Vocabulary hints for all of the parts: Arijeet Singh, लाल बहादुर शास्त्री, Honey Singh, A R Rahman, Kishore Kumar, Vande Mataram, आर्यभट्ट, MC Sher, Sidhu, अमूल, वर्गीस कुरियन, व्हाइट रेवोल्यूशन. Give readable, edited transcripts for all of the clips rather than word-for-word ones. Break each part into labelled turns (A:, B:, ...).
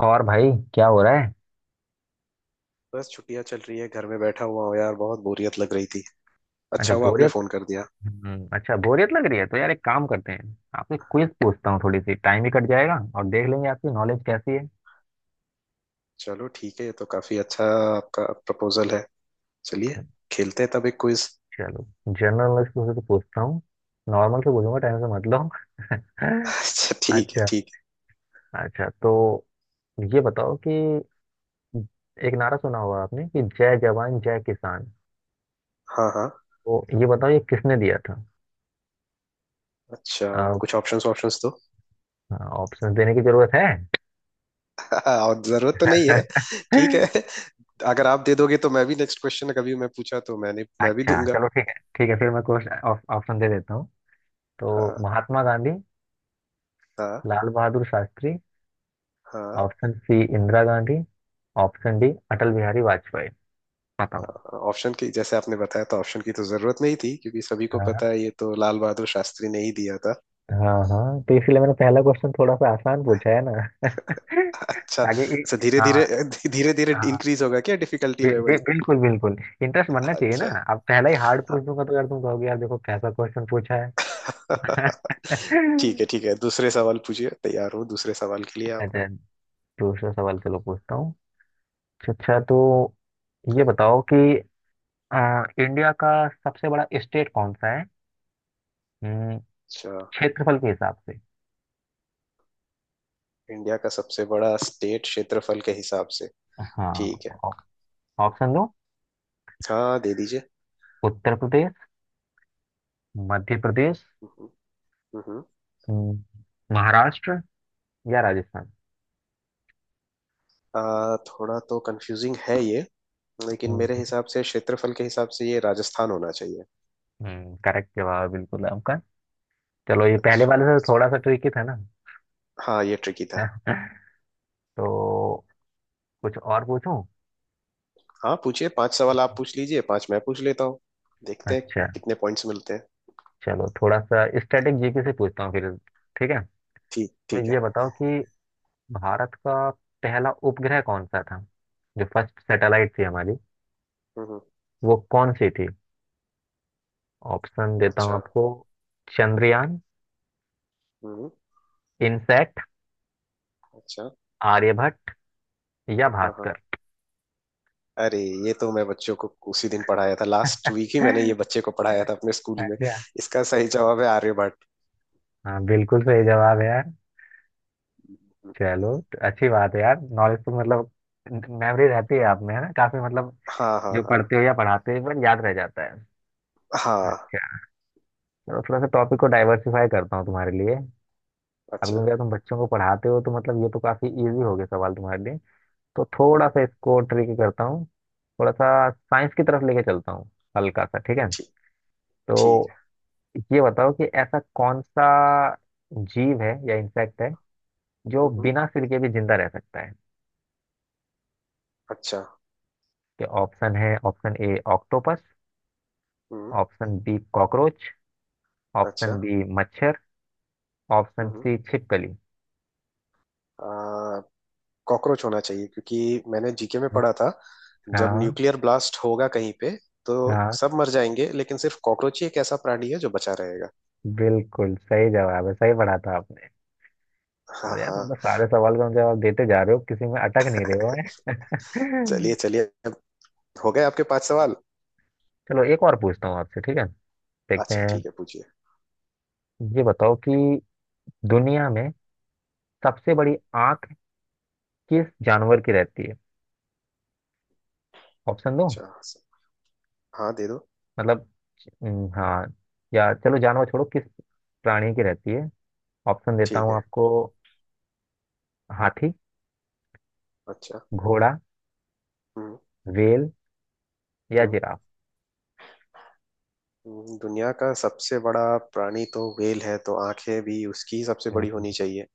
A: और भाई क्या हो रहा है?
B: बस छुट्टियां चल रही है, घर में बैठा हुआ हूँ यार। बहुत बोरियत लग रही थी,
A: अच्छा,
B: अच्छा हुआ आपने
A: बोरियत।
B: फोन कर दिया।
A: अच्छा बोरियत लग रही है तो यार एक काम करते हैं, आपसे क्विज पूछता हूँ, थोड़ी सी टाइम भी कट जाएगा और देख लेंगे आपकी नॉलेज कैसी है।
B: चलो ठीक है, ये तो काफी अच्छा आपका प्रपोजल है। चलिए, खेलते हैं तब एक क्विज।
A: चलो जनरल नॉलेज से तो पूछता हूँ, नॉर्मल से पूछूंगा, टाइम से मत लो।
B: अच्छा ठीक है
A: अच्छा
B: ठीक है।
A: अच्छा, तो ये बताओ कि एक नारा सुना होगा आपने कि जय जवान जय किसान,
B: हाँ हाँ।
A: तो ये बताओ ये किसने दिया था?
B: अच्छा, कुछ ऑप्शंस ऑप्शंस दो।
A: ऑप्शन देने की जरूरत है?
B: और जरूरत तो नहीं है। ठीक है, अगर आप दे दोगे तो मैं भी नेक्स्ट क्वेश्चन कभी मैं पूछा तो मैं भी
A: अच्छा
B: दूंगा।
A: चलो ठीक है ठीक है, फिर मैं कुछ ऑप्शन दे देता हूँ। तो
B: हाँ
A: महात्मा गांधी,
B: हाँ।
A: लाल बहादुर शास्त्री,
B: हाँ
A: option C Indira Gandhi, option D Atal Bihari Vajpayee, बताओ।
B: हाँ, ऑप्शन की जैसे आपने बताया तो ऑप्शन की तो जरूरत नहीं थी, क्योंकि सभी को पता
A: हाँ।
B: है ये तो लाल बहादुर शास्त्री ने ही दिया था।
A: हाँ हाँ, तो इसलिए मैंने पहला क्वेश्चन थोड़ा सा आसान पूछा है ना।
B: अच्छा
A: ताकि इ-
B: अच्छा, धीरे
A: हाँ।
B: धीरे। धीरे धीरे
A: हाँ,
B: इंक्रीज होगा क्या डिफिकल्टी
A: बि, बि,
B: लेवल।
A: बिल्कुल बिल्कुल। इंटरेस्ट बनना चाहिए ना।
B: अच्छा।
A: अब पहला ही हार्ड पूछ दूंगा तो यार तुम कहोगे यार देखो कैसा क्वेश्चन पूछा है।
B: ठीक है ठीक है, दूसरे सवाल पूछिए, तैयार हूँ दूसरे सवाल के लिए
A: अच्छा,
B: आपका।
A: दूसरा सवाल चलो पूछता हूँ। अच्छा अच्छा, तो ये बताओ कि इंडिया का सबसे बड़ा स्टेट कौन सा है? हम्म,
B: अच्छा,
A: क्षेत्रफल के हिसाब से।
B: इंडिया का सबसे बड़ा स्टेट क्षेत्रफल के हिसाब से।
A: हाँ।
B: ठीक है।
A: ऑप्शन दो।
B: हाँ दे दीजिए।
A: उत्तर प्रदेश, मध्य प्रदेश,
B: हम्म। हम्म। हम्म।
A: हम्म, महाराष्ट्र या राजस्थान।
B: थोड़ा तो कंफ्यूजिंग है ये, लेकिन मेरे
A: हम्म
B: हिसाब से क्षेत्रफल के हिसाब से ये राजस्थान होना चाहिए।
A: करेक्ट जवाब बिल्कुल आपका। चलो ये पहले
B: अच्छा।
A: वाले से थोड़ा सा ट्रिकी था ना।
B: हाँ ये ट्रिकी था।
A: तो कुछ और पूछूं?
B: हाँ पूछिए, पांच सवाल आप पूछ लीजिए, पांच मैं पूछ लेता हूँ। देखते हैं
A: अच्छा,
B: कितने पॉइंट्स मिलते हैं।
A: चलो थोड़ा सा स्टैटिक जीके से पूछता हूँ फिर। ठीक है।
B: ठीक ठीक
A: तो
B: है।
A: ये बताओ कि भारत का पहला उपग्रह कौन सा था, जो फर्स्ट सैटेलाइट थी हमारी
B: हम्म।
A: वो कौन सी थी? ऑप्शन देता हूँ
B: अच्छा।
A: आपको। चंद्रयान,
B: हम्म।
A: इनसैट,
B: अच्छा।
A: आर्यभट्ट या
B: हाँ हाँ।
A: भास्कर।
B: अरे, ये तो मैं बच्चों को उसी दिन पढ़ाया था, लास्ट वीक ही मैंने ये बच्चे को पढ़ाया था अपने स्कूल में।
A: अच्छा।
B: इसका सही जवाब है आर्यभट्ट।
A: हाँ बिल्कुल सही जवाब है यार।
B: हम्म।
A: चलो तो अच्छी बात है यार, नॉलेज तो मतलब मेमोरी रहती है आप में, है ना? काफी मतलब
B: हाँ हाँ
A: जो
B: हाँ।
A: पढ़ते हो या पढ़ाते हो बट याद रह जाता है।
B: हाँ।
A: अच्छा। चलो थोड़ा सा टॉपिक को डाइवर्सिफाई करता हूँ तुम्हारे लिए। अब
B: अच्छा।
A: क्योंकि तुम बच्चों को पढ़ाते हो तो मतलब ये तो काफी इजी हो गए सवाल तुम्हारे लिए, तो थोड़ा
B: हम्म।
A: सा इसको ट्रिक करता हूँ, थोड़ा सा साइंस की तरफ लेके चलता हूँ, हल्का सा। ठीक है।
B: ठीक ठीक
A: तो
B: है।
A: ये बताओ कि ऐसा कौन सा जीव है या इंसेक्ट है जो
B: हम्म।
A: बिना सिर के भी जिंदा रह सकता है?
B: अच्छा।
A: कि ऑप्शन है, ऑप्शन ए ऑक्टोपस,
B: हम्म।
A: ऑप्शन बी कॉकरोच,
B: अच्छा।
A: ऑप्शन बी मच्छर,
B: हम्म
A: ऑप्शन
B: हम्म।
A: सी छिपकली।
B: आ, कॉकरोच होना चाहिए, क्योंकि मैंने जीके में पढ़ा था। जब
A: हाँ
B: न्यूक्लियर ब्लास्ट होगा कहीं पे, तो
A: हाँ,
B: सब मर जाएंगे लेकिन सिर्फ कॉकरोच ही एक ऐसा प्राणी है जो बचा रहेगा।
A: बिल्कुल सही जवाब है, सही पढ़ा था आपने।
B: हाँ
A: चलो यार, तुम
B: हाँ।
A: तो सारे सवाल का जवाब देते जा रहे हो, किसी में अटक नहीं रहे हो। हैं।
B: चलिए चलिए, अब हो गए आपके पांच सवाल।
A: चलो एक और पूछता हूँ आपसे, ठीक है, देखते
B: अच्छा
A: हैं।
B: ठीक है, पूछिए।
A: ये बताओ कि दुनिया में सबसे
B: हम्म।
A: बड़ी आंख किस जानवर की रहती है? ऑप्शन दो।
B: अच्छा। हाँ दे दो।
A: मतलब, हाँ, या चलो जानवर छोड़ो, किस प्राणी की रहती है। ऑप्शन देता
B: ठीक
A: हूँ
B: है।
A: आपको। हाथी,
B: अच्छा।
A: घोड़ा,
B: हम्म
A: व्हेल या
B: हम्म।
A: जिराफ।
B: दुनिया का सबसे बड़ा प्राणी तो व्हेल है, तो आंखें भी उसकी सबसे बड़ी होनी
A: हम्म,
B: चाहिए।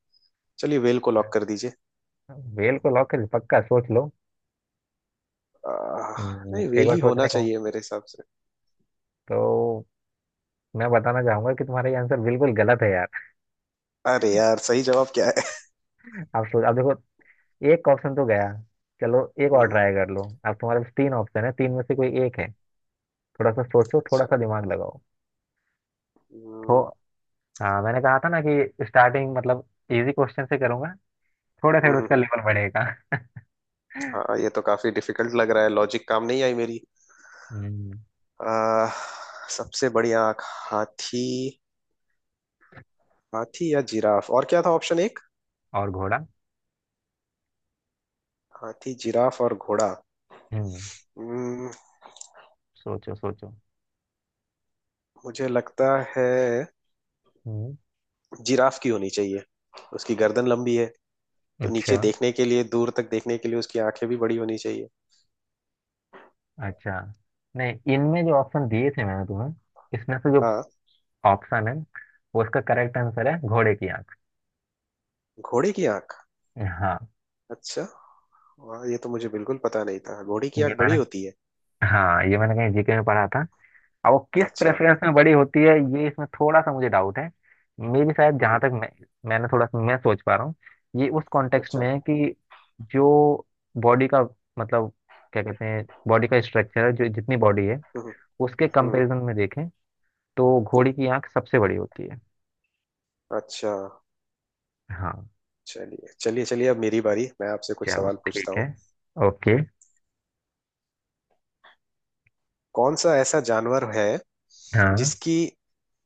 B: चलिए व्हेल को लॉक कर दीजिए।
A: व्हेल को लॉक कर, पक्का सोच लो।
B: आह, नहीं
A: एक
B: व्हेल
A: बार
B: ही होना
A: सोचने का।
B: चाहिए मेरे हिसाब से।
A: तो मैं बताना चाहूंगा कि तुम्हारा ये आंसर बिल्कुल गलत है यार।
B: अरे यार, सही जवाब क्या है।
A: आप सोच, अब देखो एक ऑप्शन तो गया, चलो एक और
B: हम्म।
A: ट्राई कर लो, अब तुम्हारे पास 3 ऑप्शन है, तीन में से कोई एक है। थोड़ा सा सोचो, थोड़ा
B: अच्छा।
A: सा दिमाग लगाओ। तो
B: हम्म।
A: हाँ मैंने कहा था ना कि स्टार्टिंग मतलब इजी क्वेश्चन से करूंगा, थोड़ा
B: हम्म।
A: थोड़ा उसका
B: हम्म।
A: लेवल बढ़ेगा।
B: हाँ ये तो काफी डिफिकल्ट लग रहा है, लॉजिक काम नहीं आई मेरी।
A: हम्म,
B: आ, सबसे बड़ी आंख। हाथी। हाथी या जिराफ, और क्या था ऑप्शन एक।
A: और घोड़ा।
B: हाथी जिराफ और घोड़ा।
A: हम्म,
B: हम्म,
A: सोचो सोचो।
B: मुझे लगता है
A: हम्म।
B: जिराफ की होनी चाहिए। उसकी गर्दन लंबी है, तो नीचे
A: अच्छा
B: देखने के लिए दूर तक देखने के लिए उसकी आंखें भी बड़ी होनी चाहिए।
A: अच्छा, नहीं इनमें जो ऑप्शन दिए थे मैंने तुम्हें, इसमें से जो
B: हाँ।
A: ऑप्शन है वो उसका करेक्ट आंसर है, घोड़े की आंख।
B: घोड़े की आंख।
A: हाँ
B: अच्छा, वाह, ये तो मुझे बिल्कुल पता नहीं था घोड़े की
A: ये
B: आंख
A: मैंने
B: बड़ी होती है।
A: हाँ ये मैंने कहीं जीके में पढ़ा था। अब वो किस
B: अच्छा।
A: प्रेफरेंस में बड़ी होती है ये इसमें थोड़ा सा मुझे डाउट है। मेरी शायद जहाँ
B: हम्म।
A: तक मैं, मैंने थोड़ा सा मैं सोच पा रहा हूँ, ये उस कॉन्टेक्स्ट
B: अच्छा।
A: में है कि जो बॉडी का मतलब क्या कहते हैं बॉडी का स्ट्रक्चर है, जो जितनी बॉडी है
B: हम्म हम्म।
A: उसके
B: हम्म।
A: कंपैरिजन में देखें तो घोड़ी की आंख सबसे बड़ी होती है।
B: अच्छा।
A: हाँ।
B: चलिए चलिए चलिए, अब मेरी बारी, मैं आपसे कुछ
A: चलो
B: सवाल पूछता
A: ठीक
B: हूँ।
A: है। ओके।
B: कौन सा ऐसा जानवर है
A: हाँ।
B: जिसकी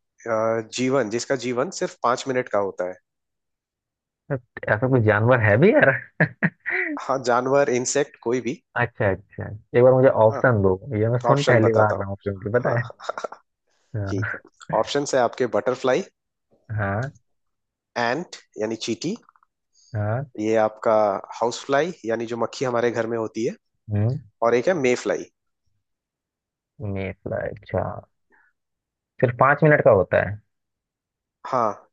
B: जीवन जिसका जीवन सिर्फ पांच मिनट का होता है।
A: ऐसा कोई जानवर है भी यार?
B: हाँ, जानवर इंसेक्ट कोई भी।
A: अच्छा अच्छा, एक बार मुझे
B: हाँ
A: ऑप्शन दो, ये मैं सुन
B: ऑप्शन
A: पहली बार
B: बताता हूँ।
A: रहा हूँ, क्योंकि
B: हाँ
A: पता है।
B: हाँ। ठीक है।
A: हाँ
B: ऑप्शन है आपके, बटरफ्लाई।
A: हाँ।
B: एंट यानी चींटी।
A: हाँ।
B: ये आपका हाउस फ्लाई यानी जो मक्खी हमारे घर में होती है।
A: हम्म।
B: और एक है मे फ्लाई।
A: मेफला, अच्छा, सिर्फ 5 मिनट का होता है?
B: हाँ,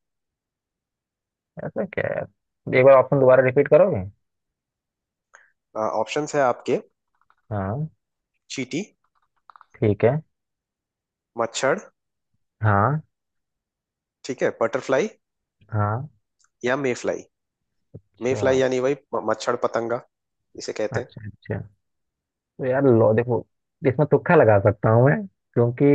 A: ऐसा क्या है यार? एक बार ऑप्शन दोबारा रिपीट करोगे?
B: ऑप्शन है आपके
A: हाँ।
B: चींटी,
A: ठीक है।
B: मच्छर,
A: हाँ।
B: ठीक है, बटरफ्लाई
A: हाँ।
B: या मे फ्लाई। मे
A: अच्छा
B: फ्लाई यानी वही मच्छर पतंगा इसे कहते हैं।
A: अच्छा। अच्छा, तो यार लो देखो, इसमें तुक्का लगा सकता हूँ मैं, क्योंकि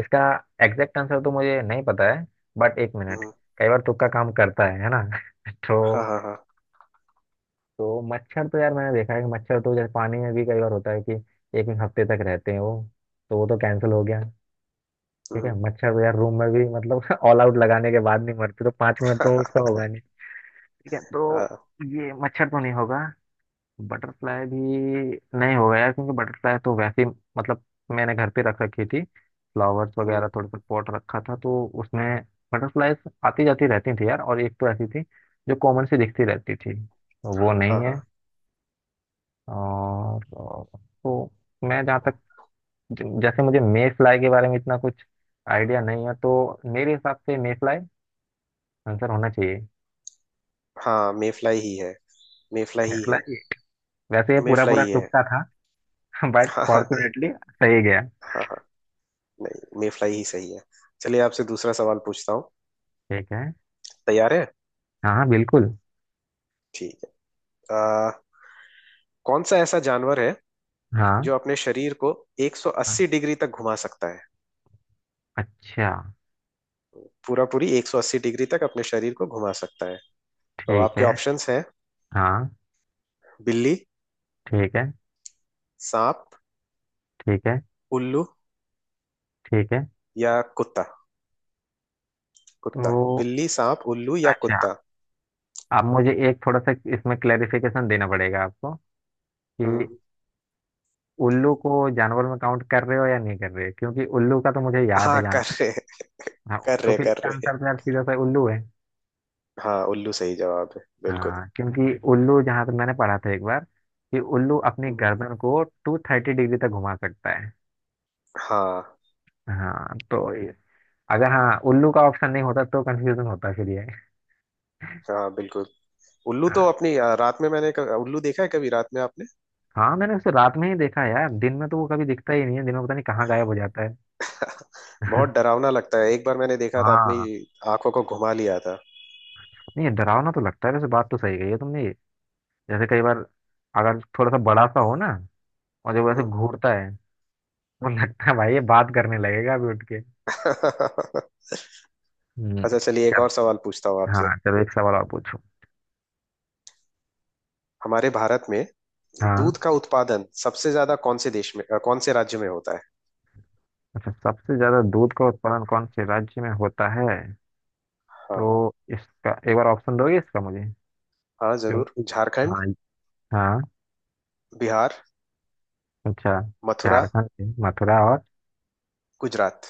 A: इसका एग्जैक्ट आंसर तो मुझे नहीं पता है, बट एक मिनट,
B: हम्म।
A: कई बार तुक्का काम करता है ना।
B: हाँ
A: तो
B: हाँ हाँ।
A: तो मच्छर तो यार मैंने देखा है कि मच्छर तो जैसे पानी में भी कई बार होता है कि एक एक हफ्ते तक रहते हैं वो, तो वो तो कैंसिल हो गया। ठीक है,
B: हम्म।
A: मच्छर तो यार रूम में भी मतलब ऑल आउट लगाने के बाद नहीं मरते, तो 5 मिनट तो उसका होगा नहीं। ठीक है। तो
B: हाँ।
A: ये मच्छर तो नहीं होगा, बटरफ्लाई भी नहीं होगा यार, क्योंकि बटरफ्लाई तो वैसे ही मतलब मैंने घर पे रख रखी थी, फ्लावर्स वगैरह
B: हम्म।
A: थोड़े से पॉट रखा था, तो उसमें बटरफ्लाई आती जाती रहती थी यार, और एक तो ऐसी थी जो कॉमन सी दिखती रहती थी, तो वो
B: हाँ
A: नहीं है।
B: हाँ
A: और और- तो मैं जहाँ तक, जैसे मुझे मे फ्लाई के बारे में इतना कुछ आइडिया नहीं है, तो मेरे हिसाब से मे फ्लाई आंसर होना चाहिए।
B: हाँ। मेफ्लाई ही है। मेफ्लाई ही है।
A: बटरफ्लाई, वैसे ये पूरा
B: मेफ्लाई
A: पूरा
B: ही है।
A: तुक्का था। बट
B: हाँ हाँ।
A: फॉर्चुनेटली सही गया।
B: हाँ हाँ, नहीं मेफ्लाई ही सही है। चलिए आपसे दूसरा सवाल पूछता हूँ।
A: ठीक है।
B: तैयार है।
A: हाँ हाँ बिल्कुल।
B: ठीक है। आ, कौन सा ऐसा जानवर है
A: हाँ
B: जो अपने शरीर को
A: हाँ,
B: 180 डिग्री तक घुमा सकता है।
A: अच्छा
B: पूरा पूरी 180 डिग्री तक अपने शरीर को घुमा सकता है। तो
A: ठीक
B: आपके
A: है।
B: ऑप्शंस हैं,
A: हाँ।
B: बिल्ली,
A: ठीक है।
B: सांप,
A: ठीक है।
B: उल्लू
A: ठीक है,
B: या कुत्ता। कुत्ता।
A: तो
B: बिल्ली सांप उल्लू या
A: अच्छा
B: कुत्ता।
A: अब मुझे एक थोड़ा सा इसमें क्लेरिफिकेशन देना पड़ेगा आपको
B: हम्म।
A: कि उल्लू को जानवर में काउंट कर रहे हो या नहीं कर रहे हो, क्योंकि उल्लू का तो मुझे याद
B: हाँ
A: है जहाँ
B: कर
A: तक।
B: रहे हैं, कर
A: हाँ, तो
B: रहे
A: फिर
B: कर
A: इसका
B: रहे।
A: आंसर तो यार सीधा सा उल्लू है।
B: हाँ उल्लू सही जवाब है बिल्कुल।
A: हाँ, क्योंकि उल्लू जहाँ तक मैंने पढ़ा था एक बार कि उल्लू अपनी
B: हम्म।
A: गर्दन को 230 डिग्री तक घुमा सकता है।
B: हाँ
A: हाँ तो अगर हाँ उल्लू का ऑप्शन नहीं होता तो कंफ्यूजन होता फिर ये।
B: हाँ बिल्कुल। उल्लू तो अपनी रात में मैंने उल्लू देखा है, कभी रात में आपने।
A: हाँ मैंने उसे रात में ही देखा है यार, दिन में तो वो कभी दिखता ही नहीं है, दिन में पता नहीं कहाँ गायब हो जाता है।
B: बहुत डरावना लगता है, एक बार मैंने देखा था अपनी
A: हाँ
B: आंखों को घुमा लिया था।
A: नहीं डरावना तो लगता है, वैसे बात तो सही कही है तुमने, जैसे कई बार अगर थोड़ा सा बड़ा सा हो ना और जब वैसे
B: हम्म।
A: घूरता है तो लगता है भाई ये बात करने लगेगा अभी उठ के। हम्म।
B: अच्छा चलिए, एक
A: चल,
B: और सवाल पूछता हूँ आपसे।
A: हाँ चलो एक सवाल और पूछो।
B: हमारे भारत में
A: हाँ।
B: दूध का उत्पादन सबसे ज्यादा कौन से देश में, कौन से राज्य में होता है।
A: अच्छा, सबसे ज्यादा दूध का उत्पादन कौन से राज्य में होता है?
B: हाँ
A: तो इसका एक बार ऑप्शन दोगे इसका मुझे
B: हाँ जरूर,
A: क्योंकि-
B: झारखंड,
A: हाँ। हाँ।
B: बिहार,
A: अच्छा,
B: मथुरा,
A: झारखंड में मथुरा और
B: गुजरात।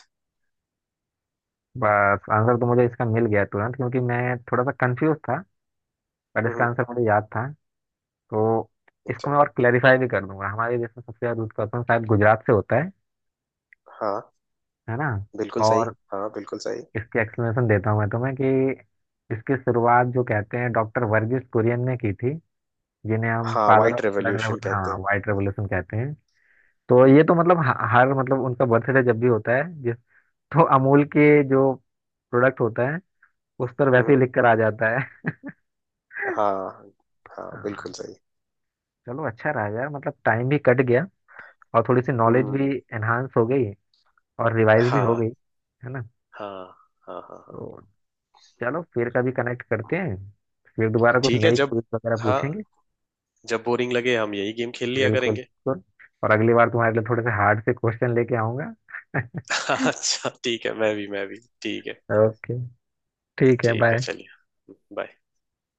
A: बस आंसर तो मुझे इसका मिल गया तुरंत, क्योंकि मैं थोड़ा सा कंफ्यूज था, पर इसका
B: हम्म।
A: आंसर मुझे याद था। तो इसको
B: अच्छा।
A: मैं और क्लेरिफाई भी कर दूंगा, हमारे देश में सबसे ज्यादा दूध का उत्पादन शायद गुजरात से होता है
B: हाँ
A: है ना?
B: बिल्कुल सही।
A: और
B: हाँ बिल्कुल सही।
A: इसकी एक्सप्लेनेशन देता हूँ मैं तुम्हें कि इसकी शुरुआत जो कहते हैं डॉक्टर वर्गीस कुरियन ने की थी, जिन्हें हम
B: हाँ
A: father
B: white
A: of blood
B: revolution कहते
A: हाँ
B: हैं।
A: वाइट रेवोल्यूशन कहते हैं। तो
B: हम्म
A: ये तो मतलब हर मतलब उनका बर्थडे जब भी होता है जिस, तो अमूल के जो प्रोडक्ट होता है उस पर
B: हम्म।
A: वैसे ही
B: हम्म।
A: लिख कर आ जाता
B: हाँ। हाँ
A: है।
B: बिल्कुल सही।
A: चलो अच्छा रहा यार, मतलब टाइम भी कट गया और थोड़ी सी नॉलेज
B: हम्म।
A: भी एनहांस हो गई और रिवाइज भी हो
B: हाँ
A: गई, है ना?
B: हाँ हाँ। हाँ। हाँ।
A: तो चलो फिर कभी कनेक्ट करते हैं, फिर दोबारा कुछ
B: ठीक है
A: नई
B: जब,
A: क्विज वगैरह
B: हाँ,
A: पूछेंगे।
B: जब बोरिंग लगे हम यही गेम खेल लिया
A: बिल्कुल
B: करेंगे।
A: बिल्कुल, और अगली बार तुम्हारे लिए थोड़े से हार्ड से क्वेश्चन लेके आऊंगा।
B: अच्छा ठीक है, मैं भी ठीक है।
A: ओके, ठीक है,
B: ठीक है
A: बाय।
B: चलिए, बाय।